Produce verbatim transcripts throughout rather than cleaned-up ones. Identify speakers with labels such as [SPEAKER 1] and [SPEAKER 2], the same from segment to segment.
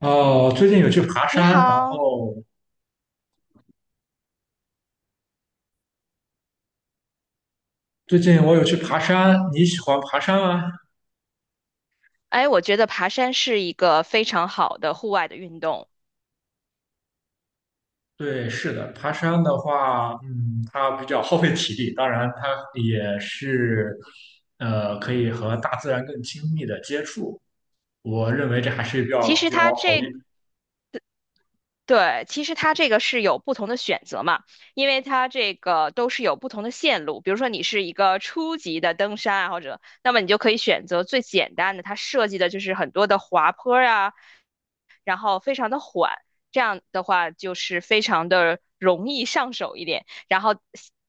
[SPEAKER 1] 哦，最近有去爬
[SPEAKER 2] 你
[SPEAKER 1] 山，然
[SPEAKER 2] 好，
[SPEAKER 1] 后最近我有去爬山。你喜欢爬山吗？
[SPEAKER 2] 哎，我觉得爬山是一个非常好的户外的运动。
[SPEAKER 1] 对，是的，爬山的话，嗯，它比较耗费体力，当然它也是，呃，可以和大自然更亲密的接触。我认为这还是比较
[SPEAKER 2] 其实
[SPEAKER 1] 比较
[SPEAKER 2] 它
[SPEAKER 1] 好一，
[SPEAKER 2] 这，对，其实它这个是有不同的选择嘛，因为它这个都是有不同的线路。比如说你是一个初级的登山爱好者，那么你就可以选择最简单的，它设计的就是很多的滑坡啊，然后非常的缓，这样的话就是非常的容易上手一点。然后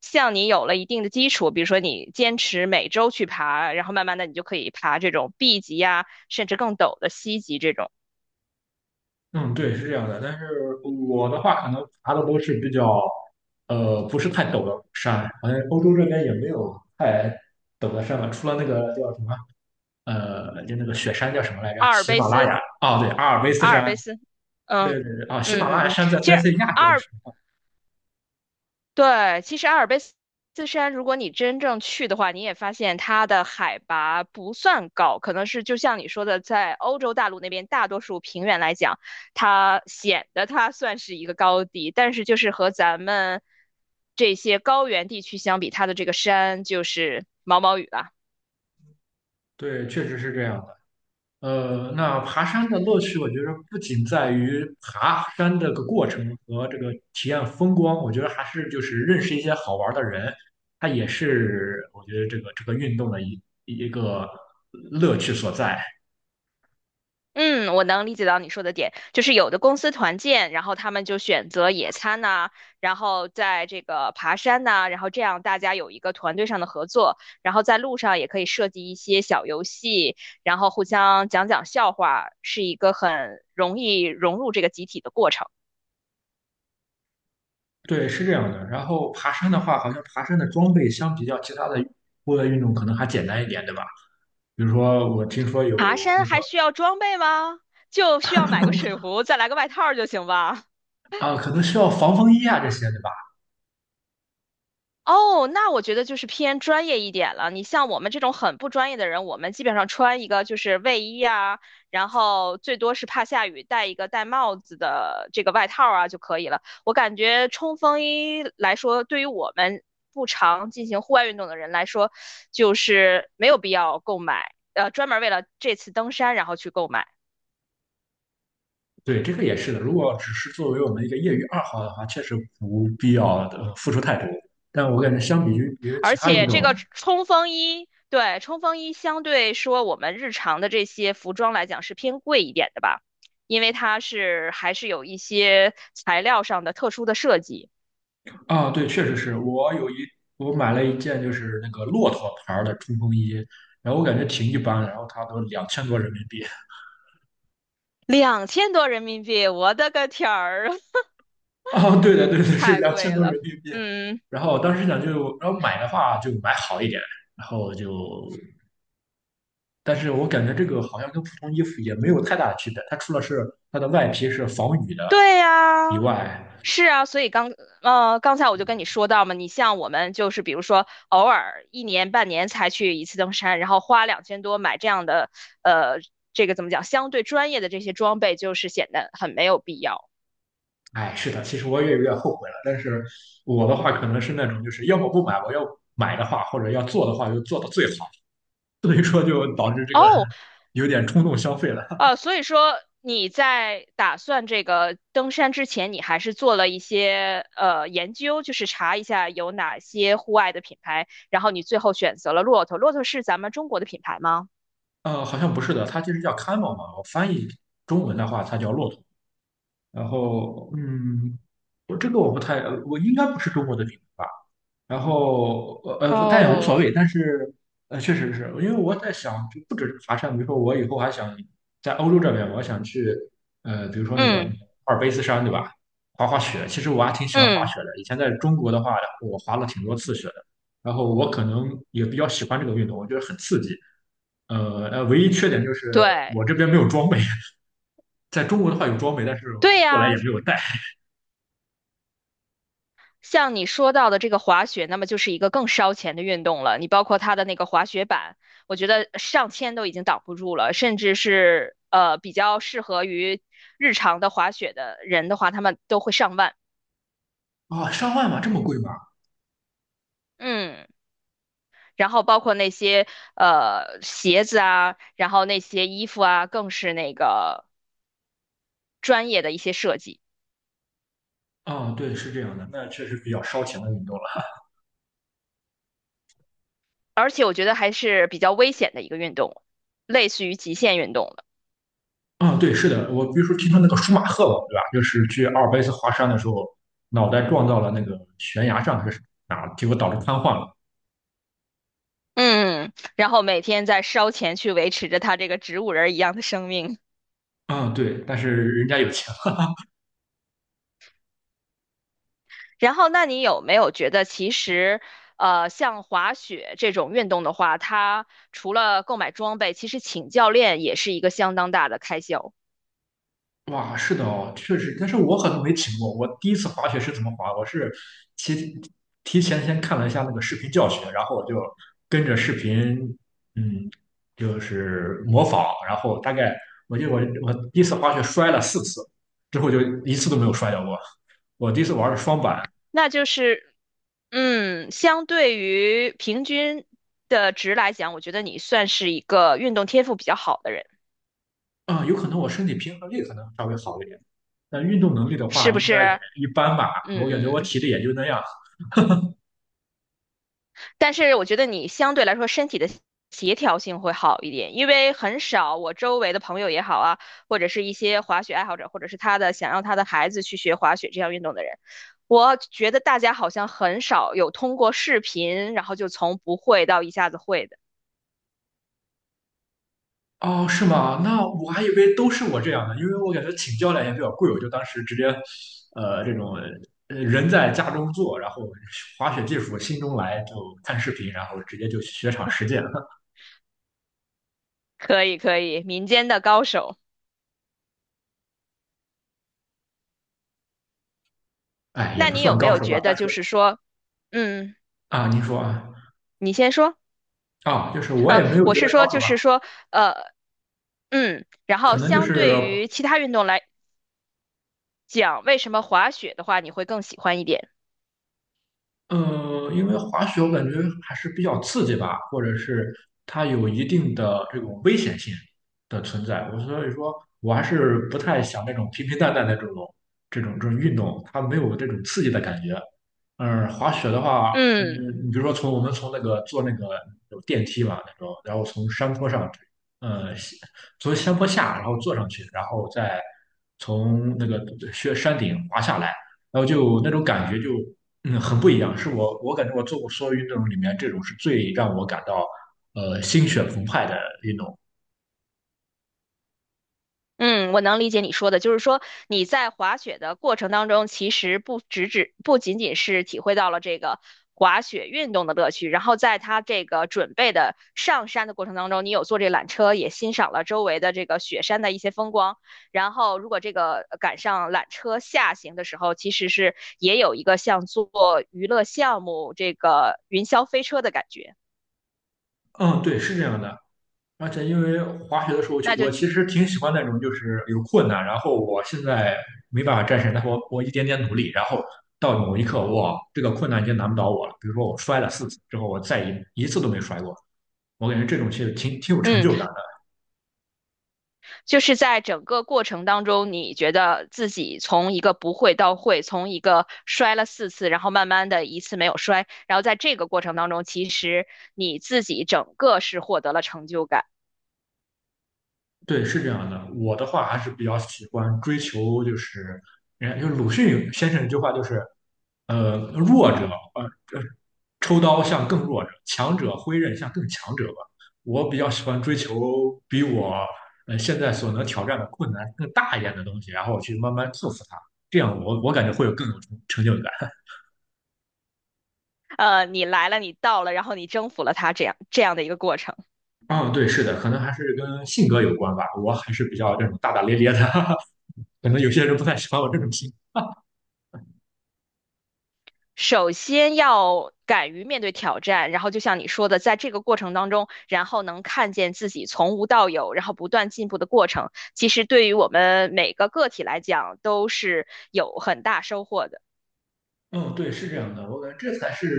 [SPEAKER 2] 像你有了一定的基础，比如说你坚持每周去爬，然后慢慢的你就可以爬这种 B 级呀、甚至更陡的 C 级这种
[SPEAKER 1] 嗯，对，是这样的。但是我的话，可能爬的都是比较，呃，不是太陡的山，好像欧洲这边也没有太陡的山吧，除了那个叫什么。呃，就那个雪山叫什么来着？
[SPEAKER 2] 阿尔
[SPEAKER 1] 喜
[SPEAKER 2] 卑
[SPEAKER 1] 马拉
[SPEAKER 2] 斯，
[SPEAKER 1] 雅哦，对，阿尔卑斯
[SPEAKER 2] 阿尔
[SPEAKER 1] 山，
[SPEAKER 2] 卑斯，嗯
[SPEAKER 1] 对对对，啊、喜
[SPEAKER 2] 嗯
[SPEAKER 1] 马拉
[SPEAKER 2] 嗯
[SPEAKER 1] 雅
[SPEAKER 2] 嗯，
[SPEAKER 1] 山在
[SPEAKER 2] 其
[SPEAKER 1] 在
[SPEAKER 2] 实
[SPEAKER 1] 在亚
[SPEAKER 2] 阿
[SPEAKER 1] 洲
[SPEAKER 2] 尔
[SPEAKER 1] 是吗，
[SPEAKER 2] 对，其实阿尔卑斯山，如果你真正去的话，你也发现它的海拔不算高，可能是就像你说的，在欧洲大陆那边大多数平原来讲，它显得它算是一个高地，但是就是和咱们这些高原地区相比，它的这个山就是毛毛雨了。
[SPEAKER 1] 对，确实是这样的。呃，那爬山的乐趣，我觉得不仅在于爬山这个过程和这个体验风光，我觉得还是就是认识一些好玩的人，它也是我觉得这个这个运动的一一个乐趣所在。
[SPEAKER 2] 嗯，我能理解到你说的点，就是有的公司团建，然后他们就选择野餐呐、然后在这个爬山呐、然后这样大家有一个团队上的合作，然后在路上也可以设计一些小游戏，然后互相讲讲笑话，是一个很容易融入这个集体的过程。
[SPEAKER 1] 对，是这样的。然后爬山的话，好像爬山的装备相比较其他的户外运动可能还简单一点，对吧？比如说，我听说
[SPEAKER 2] 爬
[SPEAKER 1] 有那
[SPEAKER 2] 山
[SPEAKER 1] 个
[SPEAKER 2] 还需要装备吗？就需要买个水壶，再来个外套儿就行吧。
[SPEAKER 1] 啊，可能需要防风衣啊这些，对吧？
[SPEAKER 2] 哦，那我觉得就是偏专业一点了。你像我们这种很不专业的人，我们基本上穿一个就是卫衣啊，然后最多是怕下雨戴一个戴帽子的这个外套啊就可以了。我感觉冲锋衣来说，对于我们不常进行户外运动的人来说，就是没有必要购买，呃，专门为了这次登山然后去购买。
[SPEAKER 1] 对，这个也是的。如果只是作为我们一个业余爱好的话，确实不必要的付出太多。但我感觉相比于别的其
[SPEAKER 2] 而
[SPEAKER 1] 他运
[SPEAKER 2] 且这个
[SPEAKER 1] 动
[SPEAKER 2] 冲锋衣，对，冲锋衣相对说我们日常的这些服装来讲是偏贵一点的吧，因为它是还是有一些材料上的特殊的设计。
[SPEAKER 1] 啊，对，确实是我有一我买了一件就是那个骆驼牌儿的冲锋衣，然后我感觉挺一般的，然后它都两千多人民币。
[SPEAKER 2] 两千多人民币，我的个天儿，
[SPEAKER 1] 啊，对的，对的，是
[SPEAKER 2] 太
[SPEAKER 1] 两千
[SPEAKER 2] 贵
[SPEAKER 1] 多
[SPEAKER 2] 了。
[SPEAKER 1] 人民币。
[SPEAKER 2] 嗯，
[SPEAKER 1] 然后我当时想就，然后买的话就买好一点，然后就但是我感觉这个好像跟普通衣服也没有太大的区别，它除了是它的外皮是防雨的
[SPEAKER 2] 对呀，
[SPEAKER 1] 以外，
[SPEAKER 2] 是啊，所以刚呃刚才我就跟你说到嘛，你像我们就是比如说偶尔一年半年才去一次登山，然后花两千多买这样的呃这个怎么讲，相对专业的这些装备，就是显得很没有必要
[SPEAKER 1] 哎，是的，其实我也有点后悔了。但是我的话可能是那种就是要么不买，我要买的话或者要做的话就做的最好，所以说就导致这个
[SPEAKER 2] 哦。
[SPEAKER 1] 有点冲动消费了。
[SPEAKER 2] 呃，所以说你在打算这个登山之前，你还是做了一些呃研究，就是查一下有哪些户外的品牌，然后你最后选择了骆驼。骆驼是咱们中国的品牌吗？
[SPEAKER 1] 呃，好像不是的，它其实叫 camel 嘛，我翻译中文的话它叫骆驼。然后，嗯，我这个我不太，呃我应该不是中国的品牌吧？然后呃，呃但也无所
[SPEAKER 2] 哦，
[SPEAKER 1] 谓。但是呃，确实是因为我在想，就不止是爬山，比如说我以后还想在欧洲这边，我想去呃，比如说那个
[SPEAKER 2] 嗯
[SPEAKER 1] 阿尔卑斯山，对吧？滑滑雪，其实我还挺喜欢滑
[SPEAKER 2] 嗯，
[SPEAKER 1] 雪的。以前在中国的话，我滑了挺多次雪的。然后我可能也比较喜欢这个运动，我觉得很刺激。呃呃，唯一缺点就是
[SPEAKER 2] 对。
[SPEAKER 1] 我这边没有装备，在中国的话有装备，但是我
[SPEAKER 2] 对
[SPEAKER 1] 过来
[SPEAKER 2] 呀，
[SPEAKER 1] 也没有带。
[SPEAKER 2] 像你说到的这个滑雪，那么就是一个更烧钱的运动了。你包括它的那个滑雪板，我觉得上千都已经挡不住了，甚至是呃比较适合于日常的滑雪的人的话，他们都会上万。
[SPEAKER 1] 啊、上万吗？这么贵吗？
[SPEAKER 2] 嗯，然后包括那些呃鞋子啊，然后那些衣服啊，更是那个专业的一些设计，
[SPEAKER 1] 啊、对，是这样的，那确实比较烧钱的运动。
[SPEAKER 2] 而且我觉得还是比较危险的一个运动，类似于极限运动。
[SPEAKER 1] 嗯，对，是的，我比如说听说那个舒马赫吧，对吧？就是去阿尔卑斯华山的时候，脑袋撞到了那个悬崖上还是哪儿，结果导致瘫痪了。
[SPEAKER 2] 嗯，然后每天在烧钱去维持着他这个植物人儿一样的生命。
[SPEAKER 1] 嗯，对，但是人家有钱
[SPEAKER 2] 然后，那你有没有觉得，其实，呃，像滑雪这种运动的话，它除了购买装备，其实请教练也是一个相当大的开销。
[SPEAKER 1] 了。哇，是的哦，确实，但是我可能没体验过。我第一次滑雪是怎么滑？我是提提前先看了一下那个视频教学，然后我就跟着视频，嗯，就是模仿，然后大概我记得我我第一次滑雪摔了四次，之后就一次都没有摔跤过。我第一次玩的双板，
[SPEAKER 2] 那就是，嗯，相对于平均的值来讲，我觉得你算是一个运动天赋比较好的人，
[SPEAKER 1] 啊，有可能我身体平衡力可能稍微好一点，但运动能力的话
[SPEAKER 2] 是不
[SPEAKER 1] 应该也
[SPEAKER 2] 是？
[SPEAKER 1] 一般吧。我感觉我
[SPEAKER 2] 嗯。
[SPEAKER 1] 体力也就那样。
[SPEAKER 2] 但是我觉得你相对来说身体的协调性会好一点，因为很少我周围的朋友也好啊，或者是一些滑雪爱好者，或者是他的想让他的孩子去学滑雪这项运动的人，我觉得大家好像很少有通过视频，然后就从不会到一下子会的。
[SPEAKER 1] 哦，是吗？那我还以为都是我这样的，因为我感觉请教练也比较贵，我就当时直接，呃，这种呃人在家中坐，然后滑雪技术心中来，就看视频，然后直接就雪场实践。
[SPEAKER 2] 可以，可以，民间的高手。
[SPEAKER 1] 哎，也
[SPEAKER 2] 那
[SPEAKER 1] 不
[SPEAKER 2] 你有
[SPEAKER 1] 算
[SPEAKER 2] 没
[SPEAKER 1] 高
[SPEAKER 2] 有
[SPEAKER 1] 手吧，
[SPEAKER 2] 觉得
[SPEAKER 1] 但是
[SPEAKER 2] 就是说，嗯，
[SPEAKER 1] 啊，您说啊，
[SPEAKER 2] 你先说，
[SPEAKER 1] 啊，就是我也
[SPEAKER 2] 啊，
[SPEAKER 1] 没有
[SPEAKER 2] 我
[SPEAKER 1] 觉
[SPEAKER 2] 是
[SPEAKER 1] 得高
[SPEAKER 2] 说
[SPEAKER 1] 手
[SPEAKER 2] 就
[SPEAKER 1] 吧，
[SPEAKER 2] 是说，呃，嗯，然
[SPEAKER 1] 可
[SPEAKER 2] 后
[SPEAKER 1] 能就
[SPEAKER 2] 相
[SPEAKER 1] 是
[SPEAKER 2] 对于其他运动来讲为什么滑雪的话你会更喜欢一点。
[SPEAKER 1] 呃，因为滑雪我感觉还是比较刺激吧，或者是它有一定的这种危险性的存在。我所以说，我还是不太想那种平平淡淡的这种这种这种运动，它没有这种刺激的感觉。嗯，滑雪的话，嗯，
[SPEAKER 2] 嗯
[SPEAKER 1] 你比如说从我们从那个坐那个有电梯嘛那种，然后从山坡上，呃，从山坡下，然后坐上去，然后再从那个雪山顶滑下来，然后就那种感觉就。嗯，很不一样，是我我感觉我做过所有运动里面，这种是最让我感到呃心血澎湃的运动。
[SPEAKER 2] 嗯，我能理解你说的，就是说你在滑雪的过程当中，其实不只只不仅仅是体会到了这个滑雪运动的乐趣，然后在它这个准备的上山的过程当中，你有坐这缆车，也欣赏了周围的这个雪山的一些风光。然后，如果这个呃赶上缆车下行的时候，其实是也有一个像做娱乐项目这个云霄飞车的感觉。
[SPEAKER 1] 嗯，对，是这样的。而且因为滑雪的时候，我其实挺喜欢那种就是有困难，然后我现在没办法战胜，但是我我一点点努力，然后到某一刻，哇，这个困难已经难不倒我了。比如说我摔了四次之后，我再一一次都没摔过，我感觉这种其实挺挺有成
[SPEAKER 2] 嗯。
[SPEAKER 1] 就感的。
[SPEAKER 2] 就是在整个过程当中，你觉得自己从一个不会到会，从一个摔了四次，然后慢慢的一次没有摔，然后在这个过程当中，其实你自己整个是获得了成就感。
[SPEAKER 1] 对，是这样的。我的话还是比较喜欢追求，就是人家就是鲁迅先生一句话，就是呃，弱者呃呃抽刀向更弱者，强者挥刃向更强者吧。我比较喜欢追求比我呃现在所能挑战的困难更大一点的东西，然后我去慢慢克服它。这样我我感觉会有更有成成就感。
[SPEAKER 2] 呃，你来了，你到了，然后你征服了它，这样这样的一个过程。
[SPEAKER 1] 嗯，对，是的，可能还是跟性格有关吧。我还是比较这种大大咧咧的，可能有些人不太喜欢我这种性格。
[SPEAKER 2] 首先要敢于面对挑战，然后就像你说的，在这个过程当中，然后能看见自己从无到有，然后不断进步的过程，其实对于我们每个个体来讲都是有很大收获的。
[SPEAKER 1] 嗯，对，是这样的，我感觉这才是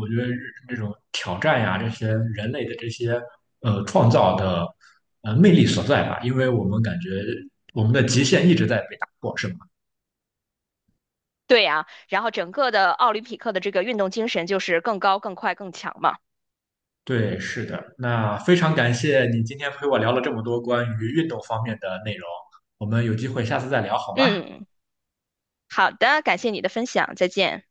[SPEAKER 1] 我觉得这种挑战呀，这些人类的这些呃创造的呃魅力所在吧，因为我们感觉我们的极限一直在被打破，是吗？
[SPEAKER 2] 对呀，然后整个的奥林匹克的这个运动精神就是更高、更快、更强嘛。
[SPEAKER 1] 对，是的。那非常感谢你今天陪我聊了这么多关于运动方面的内容，我们有机会下次再聊好吗？
[SPEAKER 2] 嗯，好的，感谢你的分享，再见。